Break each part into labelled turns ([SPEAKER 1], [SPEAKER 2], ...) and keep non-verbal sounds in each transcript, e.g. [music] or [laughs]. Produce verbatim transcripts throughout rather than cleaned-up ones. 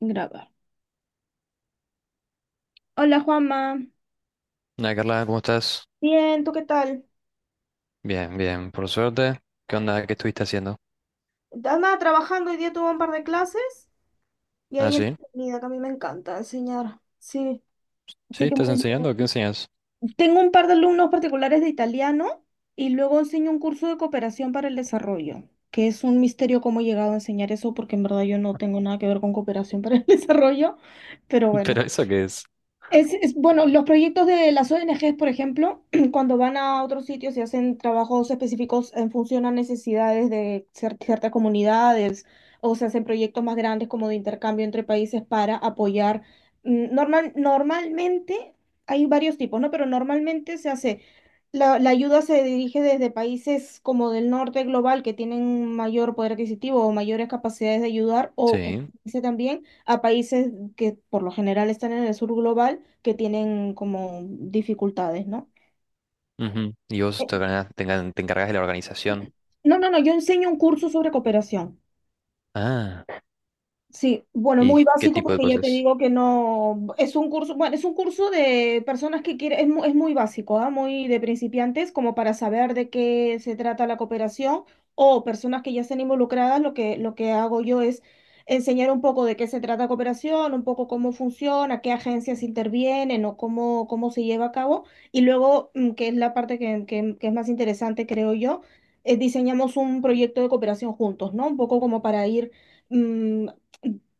[SPEAKER 1] Grabar. Hola Juanma.
[SPEAKER 2] Hola Carla, ¿cómo estás?
[SPEAKER 1] Bien, ¿tú qué tal?
[SPEAKER 2] Bien, bien, por suerte. ¿Qué onda? ¿Qué estuviste haciendo?
[SPEAKER 1] Andaba trabajando, hoy día tuve un par de clases y
[SPEAKER 2] Ah,
[SPEAKER 1] ahí
[SPEAKER 2] sí.
[SPEAKER 1] entretenida, que a mí me encanta enseñar. Sí,
[SPEAKER 2] ¿Sí?
[SPEAKER 1] así que
[SPEAKER 2] ¿Estás
[SPEAKER 1] muy
[SPEAKER 2] enseñando? ¿Qué
[SPEAKER 1] bien.
[SPEAKER 2] enseñas?
[SPEAKER 1] Tengo un par de alumnos particulares de italiano y luego enseño un curso de cooperación para el desarrollo, que es un misterio cómo he llegado a enseñar eso porque en verdad yo no tengo nada que ver con cooperación para el [laughs] desarrollo, pero
[SPEAKER 2] [laughs]
[SPEAKER 1] bueno,
[SPEAKER 2] ¿Pero eso qué es?
[SPEAKER 1] Es, es- bueno, los proyectos de las O N Gs, por ejemplo, [clears throat] cuando van a otros sitios y hacen trabajos específicos en función a necesidades de cier- ciertas comunidades, o se hacen proyectos más grandes como de intercambio entre países para apoyar. mm, Normal, normalmente hay varios tipos, ¿no? Pero normalmente se hace, la, la ayuda se dirige desde países como del norte global que tienen mayor poder adquisitivo o mayores capacidades de ayudar, o
[SPEAKER 2] Sí,
[SPEAKER 1] eh, también a países que por lo general están en el sur global que tienen como dificultades, ¿no?
[SPEAKER 2] ujú. ¿Y
[SPEAKER 1] Eh,
[SPEAKER 2] vos te, organa- te engan- te encargas de la organización?
[SPEAKER 1] No, no, no, yo enseño un curso sobre cooperación.
[SPEAKER 2] Ah,
[SPEAKER 1] Sí, bueno,
[SPEAKER 2] ¿y
[SPEAKER 1] muy
[SPEAKER 2] qué
[SPEAKER 1] básico
[SPEAKER 2] tipo de
[SPEAKER 1] porque ya te
[SPEAKER 2] cosas?
[SPEAKER 1] digo que no, es un curso, bueno, es un curso de personas que quieren, es, mu- es muy básico, ¿ah? Muy de principiantes, como para saber de qué se trata la cooperación o personas que ya estén involucradas, lo que, lo que hago yo es enseñar un poco de qué se trata cooperación, un poco cómo funciona, qué agencias intervienen o cómo, cómo se lleva a cabo. Y luego, mm, que es la parte que, que que es más interesante, creo yo, eh, diseñamos un proyecto de cooperación juntos, ¿no? Un poco como para ir mm,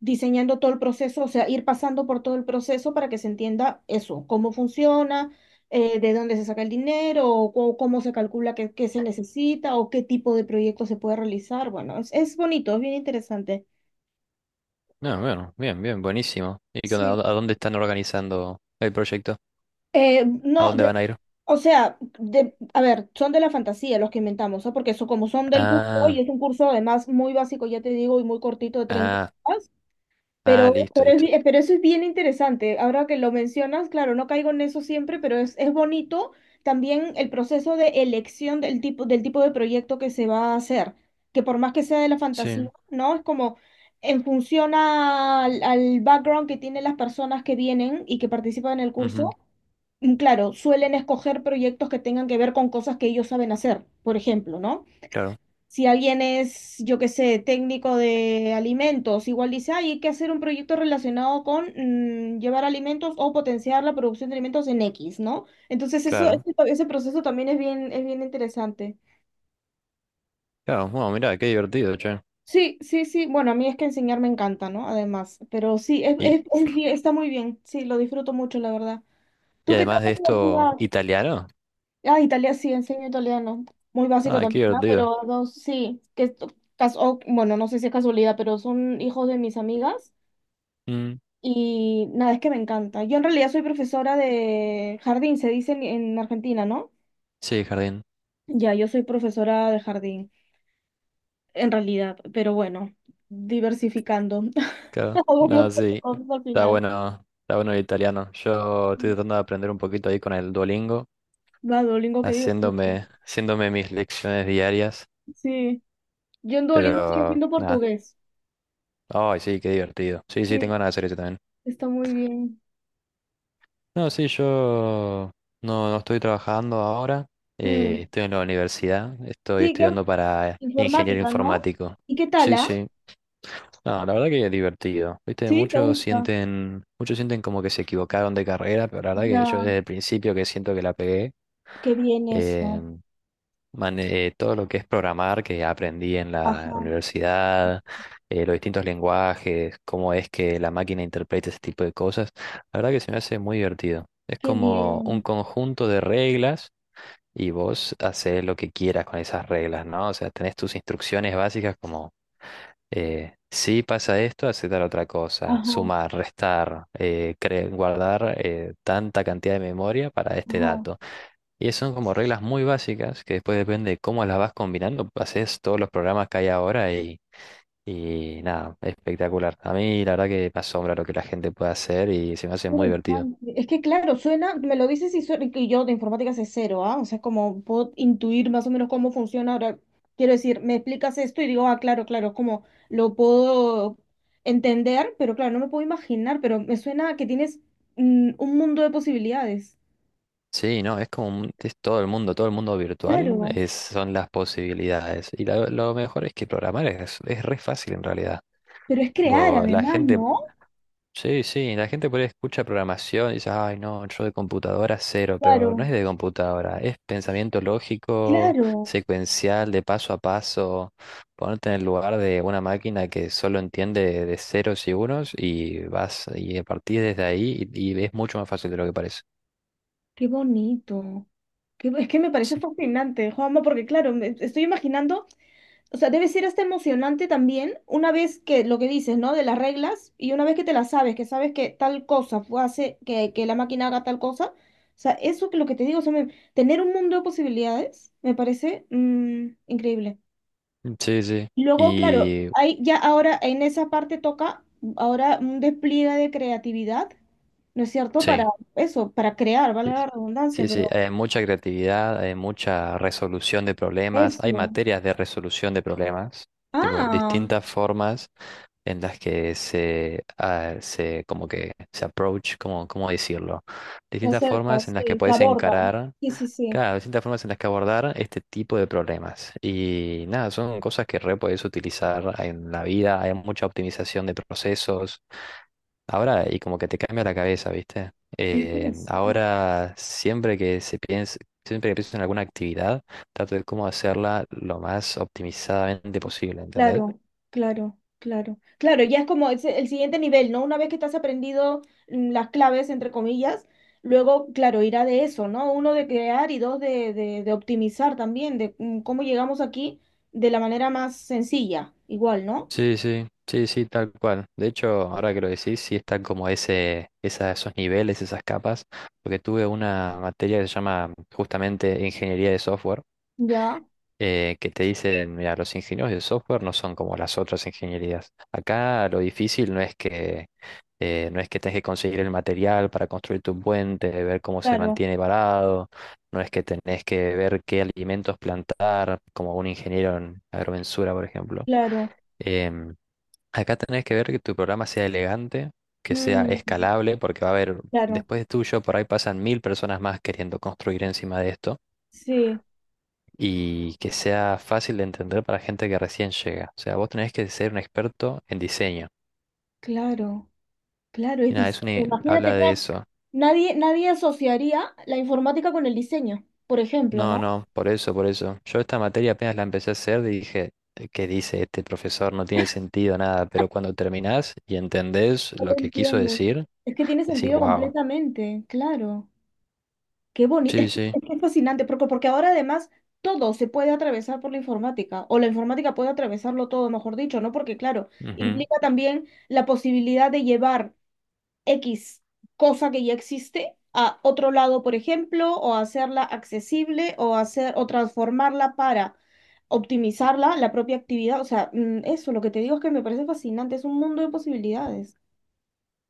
[SPEAKER 1] diseñando todo el proceso, o sea, ir pasando por todo el proceso para que se entienda eso, cómo funciona, eh, de dónde se saca el dinero, o, cu- cómo se calcula qué, qué se necesita, o qué tipo de proyecto se puede realizar. Bueno, es, es bonito, es bien interesante.
[SPEAKER 2] Ah, bueno, bien, bien, buenísimo. ¿Y qué onda? ¿A
[SPEAKER 1] Sí.
[SPEAKER 2] dó- ¿a dónde están organizando el proyecto?
[SPEAKER 1] Eh,
[SPEAKER 2] ¿A
[SPEAKER 1] no,
[SPEAKER 2] dónde
[SPEAKER 1] de-
[SPEAKER 2] van a ir?
[SPEAKER 1] o sea, de, a ver, son de la fantasía los que inventamos, ¿ah? Porque eso, como son del curso, y
[SPEAKER 2] Ah,
[SPEAKER 1] es un curso además muy básico, ya te digo, y muy cortito de treinta
[SPEAKER 2] ah,
[SPEAKER 1] horas,
[SPEAKER 2] ah,
[SPEAKER 1] Pero,
[SPEAKER 2] listo,
[SPEAKER 1] pero, es
[SPEAKER 2] listo.
[SPEAKER 1] bi- pero eso es bien interesante. Ahora que lo mencionas, claro, no caigo en eso siempre, pero es, es bonito también el proceso de elección del tipo, del tipo de proyecto que se va a hacer, que por más que sea de la fantasía,
[SPEAKER 2] Sí,
[SPEAKER 1] ¿no? Es como en función al, al background que tienen las personas que vienen y que participan en el
[SPEAKER 2] ujú,
[SPEAKER 1] curso. Mm, claro, suelen escoger proyectos que tengan que ver con cosas que ellos saben hacer, por ejemplo, ¿no?
[SPEAKER 2] claro,
[SPEAKER 1] Si alguien es, yo qué sé, técnico de alimentos, igual dice, "Ay, hay que hacer un proyecto relacionado con mm, llevar alimentos o potenciar la producción de alimentos en equis, ¿no?" Entonces eso,
[SPEAKER 2] claro.
[SPEAKER 1] ese, ese proceso también es bien, es bien interesante.
[SPEAKER 2] Claro, bueno, mira, qué divertido, che.
[SPEAKER 1] Sí, sí, sí. Bueno, a mí es que enseñar me encanta, ¿no? Además, pero sí, es,
[SPEAKER 2] Y,
[SPEAKER 1] es, es bien- está muy bien. Sí, lo disfruto mucho, la verdad.
[SPEAKER 2] y
[SPEAKER 1] ¿Tú qué tal
[SPEAKER 2] además
[SPEAKER 1] la
[SPEAKER 2] de esto,
[SPEAKER 1] universidad?
[SPEAKER 2] italiano.
[SPEAKER 1] Ah, Italia, sí, enseño italiano. Muy básico
[SPEAKER 2] Ah, qué
[SPEAKER 1] también, ¿no?
[SPEAKER 2] divertido.
[SPEAKER 1] Pero dos, sí, que esto, cas- o- bueno, no sé si es casualidad, pero son hijos de mis amigas
[SPEAKER 2] Mm,
[SPEAKER 1] y nada, es que me encanta. Yo en realidad soy profesora de jardín, se dice en, en Argentina, ¿no?
[SPEAKER 2] sí, jardín,
[SPEAKER 1] Ya, yo soy profesora de jardín, en realidad, pero bueno, diversificando. [laughs]
[SPEAKER 2] claro.
[SPEAKER 1] Hago un
[SPEAKER 2] No,
[SPEAKER 1] montón de
[SPEAKER 2] sí,
[SPEAKER 1] cosas al
[SPEAKER 2] está
[SPEAKER 1] final.
[SPEAKER 2] bueno, está bueno el italiano. Yo estoy tratando de aprender un poquito ahí con el Duolingo,
[SPEAKER 1] Va, Duolingo, qué divertido.
[SPEAKER 2] haciéndome, haciéndome mis lecciones diarias,
[SPEAKER 1] Sí, yo en Duolingo estoy
[SPEAKER 2] pero
[SPEAKER 1] haciendo
[SPEAKER 2] nada.
[SPEAKER 1] portugués.
[SPEAKER 2] Ay, sí, qué divertido. Sí, sí, tengo
[SPEAKER 1] Sí,
[SPEAKER 2] ganas de hacer eso también.
[SPEAKER 1] está muy bien.
[SPEAKER 2] No, sí, yo no, no estoy trabajando ahora. Eh,
[SPEAKER 1] Mm.
[SPEAKER 2] estoy en la universidad, estoy
[SPEAKER 1] Sí, ¿qué,
[SPEAKER 2] estudiando para ingeniero
[SPEAKER 1] Informática, ¿no?
[SPEAKER 2] informático.
[SPEAKER 1] ¿Y qué tal,
[SPEAKER 2] Sí,
[SPEAKER 1] ah?
[SPEAKER 2] sí. No, la verdad que es divertido. Viste,
[SPEAKER 1] ¿Sí? ¿Te
[SPEAKER 2] muchos
[SPEAKER 1] gusta?
[SPEAKER 2] sienten, muchos sienten como que se equivocaron de carrera, pero la verdad que yo
[SPEAKER 1] Ya,
[SPEAKER 2] desde el principio que siento que la pegué,
[SPEAKER 1] qué bien
[SPEAKER 2] eh,
[SPEAKER 1] eso.
[SPEAKER 2] mane- eh, todo lo que es programar que aprendí en la
[SPEAKER 1] Ajá,
[SPEAKER 2] universidad, eh, los distintos lenguajes, cómo es que la máquina interpreta ese tipo de cosas, la verdad que se me hace muy divertido. Es
[SPEAKER 1] qué
[SPEAKER 2] como un
[SPEAKER 1] bien.
[SPEAKER 2] conjunto de reglas y vos haces lo que quieras con esas reglas, ¿no? O sea, tenés tus instrucciones básicas como, eh, si pasa esto, hace tal otra cosa,
[SPEAKER 1] Ajá,
[SPEAKER 2] sumar, restar, eh, cre- guardar eh, tanta cantidad de memoria para este
[SPEAKER 1] ajá.
[SPEAKER 2] dato. Y son como reglas muy básicas que después depende de cómo las vas combinando, haces todos los programas que hay ahora y... Y nada, espectacular. A mí la verdad que me asombra lo que la gente puede hacer y se me hace muy divertido.
[SPEAKER 1] Interesante. Es que claro, suena, me lo dices y, suena, y yo de informática sé cero, ¿ah? O sea, como puedo intuir más o menos cómo funciona. Ahora, quiero decir, me explicas esto y digo, ah, claro, claro, como lo puedo entender, pero claro, no me puedo imaginar, pero me suena a que tienes mm, un mundo de posibilidades.
[SPEAKER 2] Sí, no, es como un- es todo el mundo, todo el mundo virtual
[SPEAKER 1] Claro,
[SPEAKER 2] es, son las posibilidades. Y lo, lo mejor es que programar es, es re fácil en realidad.
[SPEAKER 1] pero es crear
[SPEAKER 2] Vos- la
[SPEAKER 1] además,
[SPEAKER 2] gente,
[SPEAKER 1] ¿no?
[SPEAKER 2] sí, sí, la gente por ahí escucha programación y dice, ay, no, yo de computadora cero, pero no es
[SPEAKER 1] Claro.
[SPEAKER 2] de computadora, es pensamiento lógico,
[SPEAKER 1] Claro,
[SPEAKER 2] secuencial, de paso a paso, ponerte en el lugar de una máquina que solo entiende de ceros y unos y vas y a partir desde ahí y, y es mucho más fácil de lo que parece.
[SPEAKER 1] qué bonito. Qué bo- es que me parece
[SPEAKER 2] Sí,
[SPEAKER 1] fascinante, Juanma, porque claro, me estoy imaginando, o sea, debe ser hasta emocionante también una vez que lo que dices, ¿no? De las reglas y una vez que te las sabes, que sabes que tal cosa fue- hace que, que la máquina haga tal cosa. O sea, eso que lo que te digo, o sea, me- tener un mundo de posibilidades me parece mm, increíble.
[SPEAKER 2] sí, sí.
[SPEAKER 1] Luego, claro,
[SPEAKER 2] Y
[SPEAKER 1] hay ya ahora en esa parte toca ahora un despliegue de creatividad, ¿no es cierto? Para
[SPEAKER 2] sí,
[SPEAKER 1] eso, para crear, vale
[SPEAKER 2] sí,
[SPEAKER 1] la redundancia,
[SPEAKER 2] sí,
[SPEAKER 1] pero
[SPEAKER 2] sí, hay mucha creatividad, hay mucha resolución de problemas, hay
[SPEAKER 1] eso.
[SPEAKER 2] materias de resolución de problemas, tipo,
[SPEAKER 1] Ah,
[SPEAKER 2] distintas formas en las que se, ah, se como que se approach, cómo, ¿cómo decirlo?
[SPEAKER 1] se
[SPEAKER 2] Distintas
[SPEAKER 1] acerca,
[SPEAKER 2] formas en las que
[SPEAKER 1] sí, se
[SPEAKER 2] puedes
[SPEAKER 1] aborda.
[SPEAKER 2] encarar,
[SPEAKER 1] Sí, sí, sí.
[SPEAKER 2] claro, distintas formas en las que abordar este tipo de problemas. Y nada, son cosas que re puedes utilizar en la vida, hay mucha optimización de procesos. Ahora, y como que te cambia la cabeza, ¿viste?
[SPEAKER 1] Qué
[SPEAKER 2] Eh,
[SPEAKER 1] interesante.
[SPEAKER 2] ahora, siempre que se piense, siempre que pienso en alguna actividad, trato de cómo hacerla lo más optimizadamente posible, ¿entendés?
[SPEAKER 1] Claro, claro, claro. Claro, ya es como es el siguiente nivel, ¿no? Una vez que estás aprendido mm, las claves, entre comillas, luego, claro, irá de eso, ¿no? Uno de crear y dos de, de, de optimizar también, de mm, cómo llegamos aquí de la manera más sencilla, igual, ¿no?
[SPEAKER 2] Sí, sí, sí, sí, tal cual. De hecho, ahora que lo decís, sí están como ese, esa- esos niveles, esas capas, porque tuve una materia que se llama justamente ingeniería de software,
[SPEAKER 1] Ya,
[SPEAKER 2] eh, que te dicen, mira, los ingenieros de software no son como las otras ingenierías. Acá lo difícil no es que eh, no es que tengas que conseguir el material para construir tu puente, ver cómo se
[SPEAKER 1] claro,
[SPEAKER 2] mantiene parado, no es que tenés que ver qué alimentos plantar, como un ingeniero en agrimensura, por ejemplo.
[SPEAKER 1] claro.
[SPEAKER 2] Em, Acá tenés que ver que tu programa sea elegante, que sea
[SPEAKER 1] Mm,
[SPEAKER 2] escalable, porque va a haber,
[SPEAKER 1] claro,
[SPEAKER 2] después de tuyo, por ahí pasan mil personas más queriendo construir encima de esto
[SPEAKER 1] sí,
[SPEAKER 2] y que sea fácil de entender para gente que recién llega. O sea, vos tenés que ser un experto en diseño.
[SPEAKER 1] claro, claro,
[SPEAKER 2] Y
[SPEAKER 1] es
[SPEAKER 2] nada, es
[SPEAKER 1] diseño.
[SPEAKER 2] una, habla
[SPEAKER 1] Imagínate,
[SPEAKER 2] de
[SPEAKER 1] claro,
[SPEAKER 2] eso.
[SPEAKER 1] nadie, nadie asociaría la informática con el diseño, por ejemplo,
[SPEAKER 2] No,
[SPEAKER 1] ¿no?
[SPEAKER 2] no, por eso, por eso. Yo esta materia apenas la empecé a hacer y dije, "Eh, ¿qué dice este profesor? No tiene sentido nada", pero cuando terminás y entendés lo
[SPEAKER 1] Lo
[SPEAKER 2] que quiso
[SPEAKER 1] entiendo.
[SPEAKER 2] decir,
[SPEAKER 1] Es que tiene
[SPEAKER 2] decís,
[SPEAKER 1] sentido
[SPEAKER 2] wow,
[SPEAKER 1] completamente, claro. Qué bonito, es
[SPEAKER 2] sí,
[SPEAKER 1] que,
[SPEAKER 2] sí,
[SPEAKER 1] es que es fascinante, porque, porque ahora además todo se puede atravesar por la informática, o la informática puede atravesarlo todo, mejor dicho, ¿no? Porque claro,
[SPEAKER 2] ujú.
[SPEAKER 1] implica también la posibilidad de llevar equis cosa que ya existe a otro lado, por ejemplo, o hacerla accesible, o hacer, o transformarla para optimizarla, la propia actividad. O sea, mm, eso, lo que te digo es que me parece fascinante, es un mundo de posibilidades.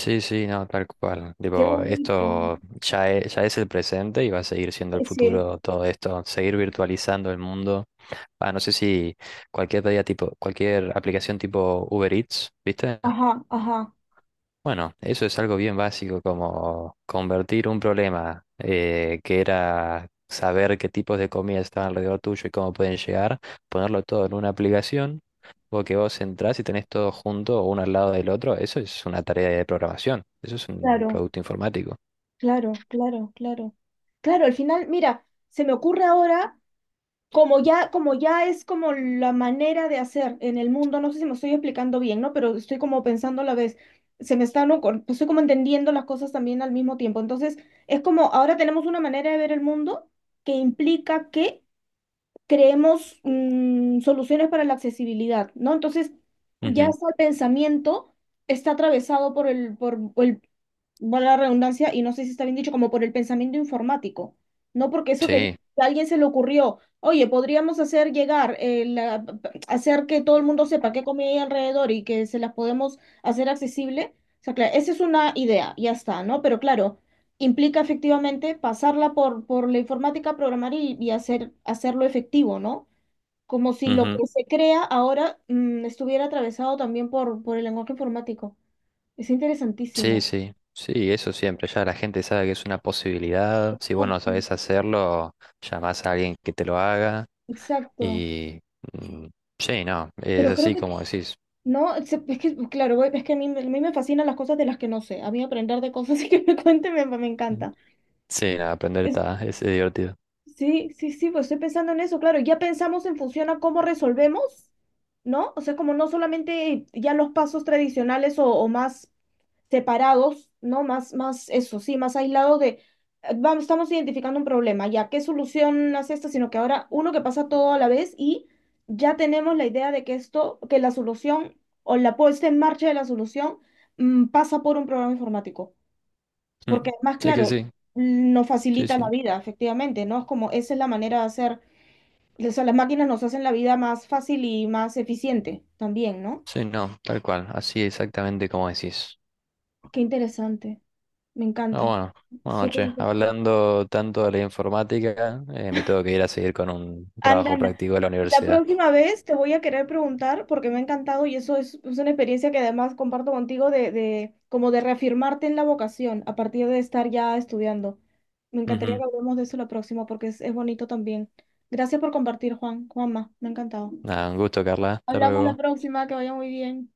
[SPEAKER 2] Sí, sí, no, tal cual.
[SPEAKER 1] Qué
[SPEAKER 2] Tipo,
[SPEAKER 1] bonito.
[SPEAKER 2] esto ya es, ya es el presente y va a seguir siendo el
[SPEAKER 1] Eh, Sí,
[SPEAKER 2] futuro todo esto, seguir virtualizando el mundo. Ah, no sé si cualquier pedida tipo, cualquier aplicación tipo Uber Eats, ¿viste?
[SPEAKER 1] ajá, ajá,
[SPEAKER 2] Bueno, eso es algo bien básico, como convertir un problema, eh, que era saber qué tipos de comida están alrededor tuyo y cómo pueden llegar, ponerlo todo en una aplicación, o que vos entrás y tenés todo junto uno al lado del otro, eso es una tarea de programación, eso es un
[SPEAKER 1] claro,
[SPEAKER 2] producto informático.
[SPEAKER 1] claro, claro, claro. Claro, al final, mira, se me ocurre ahora, como ya, como ya es como la manera de hacer en el mundo, no sé si me estoy explicando bien, ¿no? Pero estoy como pensando a la vez, se me están, ocur- estoy como entendiendo las cosas también al mismo tiempo. Entonces, es como ahora tenemos una manera de ver el mundo que implica que creemos mm, soluciones para la accesibilidad, ¿no? Entonces, ya
[SPEAKER 2] Ujú.
[SPEAKER 1] está el pensamiento, está atravesado por el, por el, valga la redundancia, y no sé si está bien dicho, como por el pensamiento informático, ¿no? Porque eso que
[SPEAKER 2] Sí,
[SPEAKER 1] a alguien se le ocurrió, oye, podríamos hacer llegar, eh, la- hacer que todo el mundo sepa qué comida hay alrededor y que se las podemos hacer accesible. O sea, claro, esa es una idea, ya está, ¿no? Pero claro, implica efectivamente pasarla por, por la informática, programar y, y hacer, hacerlo efectivo, ¿no? Como si lo
[SPEAKER 2] ujú.
[SPEAKER 1] que se crea ahora mm, estuviera atravesado también por, por el lenguaje informático. Es
[SPEAKER 2] Sí,
[SPEAKER 1] interesantísimo.
[SPEAKER 2] sí, sí, eso siempre, ya la gente sabe que es una posibilidad, si vos no
[SPEAKER 1] Exacto.
[SPEAKER 2] sabés hacerlo, llamás a alguien que te lo haga.
[SPEAKER 1] Exacto.
[SPEAKER 2] Y mm, sí, no, es
[SPEAKER 1] Pero creo
[SPEAKER 2] así
[SPEAKER 1] que,
[SPEAKER 2] como decís.
[SPEAKER 1] no, es es que, claro, voy- es que a mí, me a mí me fascinan las cosas de las que no sé. A mí aprender de cosas [laughs] que me cuenten me, me encanta.
[SPEAKER 2] Sí, nada, aprender está, es divertido.
[SPEAKER 1] Sí, sí, sí, pues estoy pensando en eso, claro, ya pensamos en función a cómo resolvemos, ¿no? O sea, como no solamente ya los pasos tradicionales o, o más separados, ¿no? Más, más eso, sí, más aislados de, eh, vamos, estamos identificando un problema, ya, ¿qué solución hace esta? Sino que ahora uno que pasa todo a la vez y ya tenemos la idea de que esto, que la solución o la puesta en marcha de la solución, mm, pasa por un programa informático. Porque
[SPEAKER 2] Mm,
[SPEAKER 1] además,
[SPEAKER 2] sí que
[SPEAKER 1] claro,
[SPEAKER 2] sí,
[SPEAKER 1] nos
[SPEAKER 2] sí,
[SPEAKER 1] facilita la
[SPEAKER 2] sí,
[SPEAKER 1] vida, efectivamente, ¿no? Es como esa es la manera de hacer, o sea, las máquinas nos hacen la vida más fácil y más eficiente también, ¿no?
[SPEAKER 2] sí, no, tal cual, así exactamente como decís.
[SPEAKER 1] Qué interesante, me
[SPEAKER 2] Ah,
[SPEAKER 1] encanta.
[SPEAKER 2] bueno, bueno,
[SPEAKER 1] Súper
[SPEAKER 2] che,
[SPEAKER 1] interesante.
[SPEAKER 2] hablando tanto de la informática, eh, me tengo que ir a seguir con un
[SPEAKER 1] Anda,
[SPEAKER 2] trabajo
[SPEAKER 1] anda.
[SPEAKER 2] práctico de la
[SPEAKER 1] La
[SPEAKER 2] universidad.
[SPEAKER 1] próxima vez te voy a querer preguntar, porque me ha encantado y eso es, es una experiencia que además comparto contigo de, de como de reafirmarte en la vocación a partir de estar ya estudiando. Me encantaría
[SPEAKER 2] Ujú.
[SPEAKER 1] que hablemos de eso la próxima porque es, es bonito también. Gracias por compartir, Juan, Juanma, me ha encantado.
[SPEAKER 2] Nada, un gusto, Carla, hasta
[SPEAKER 1] Hablamos la
[SPEAKER 2] luego.
[SPEAKER 1] próxima, que vaya muy bien.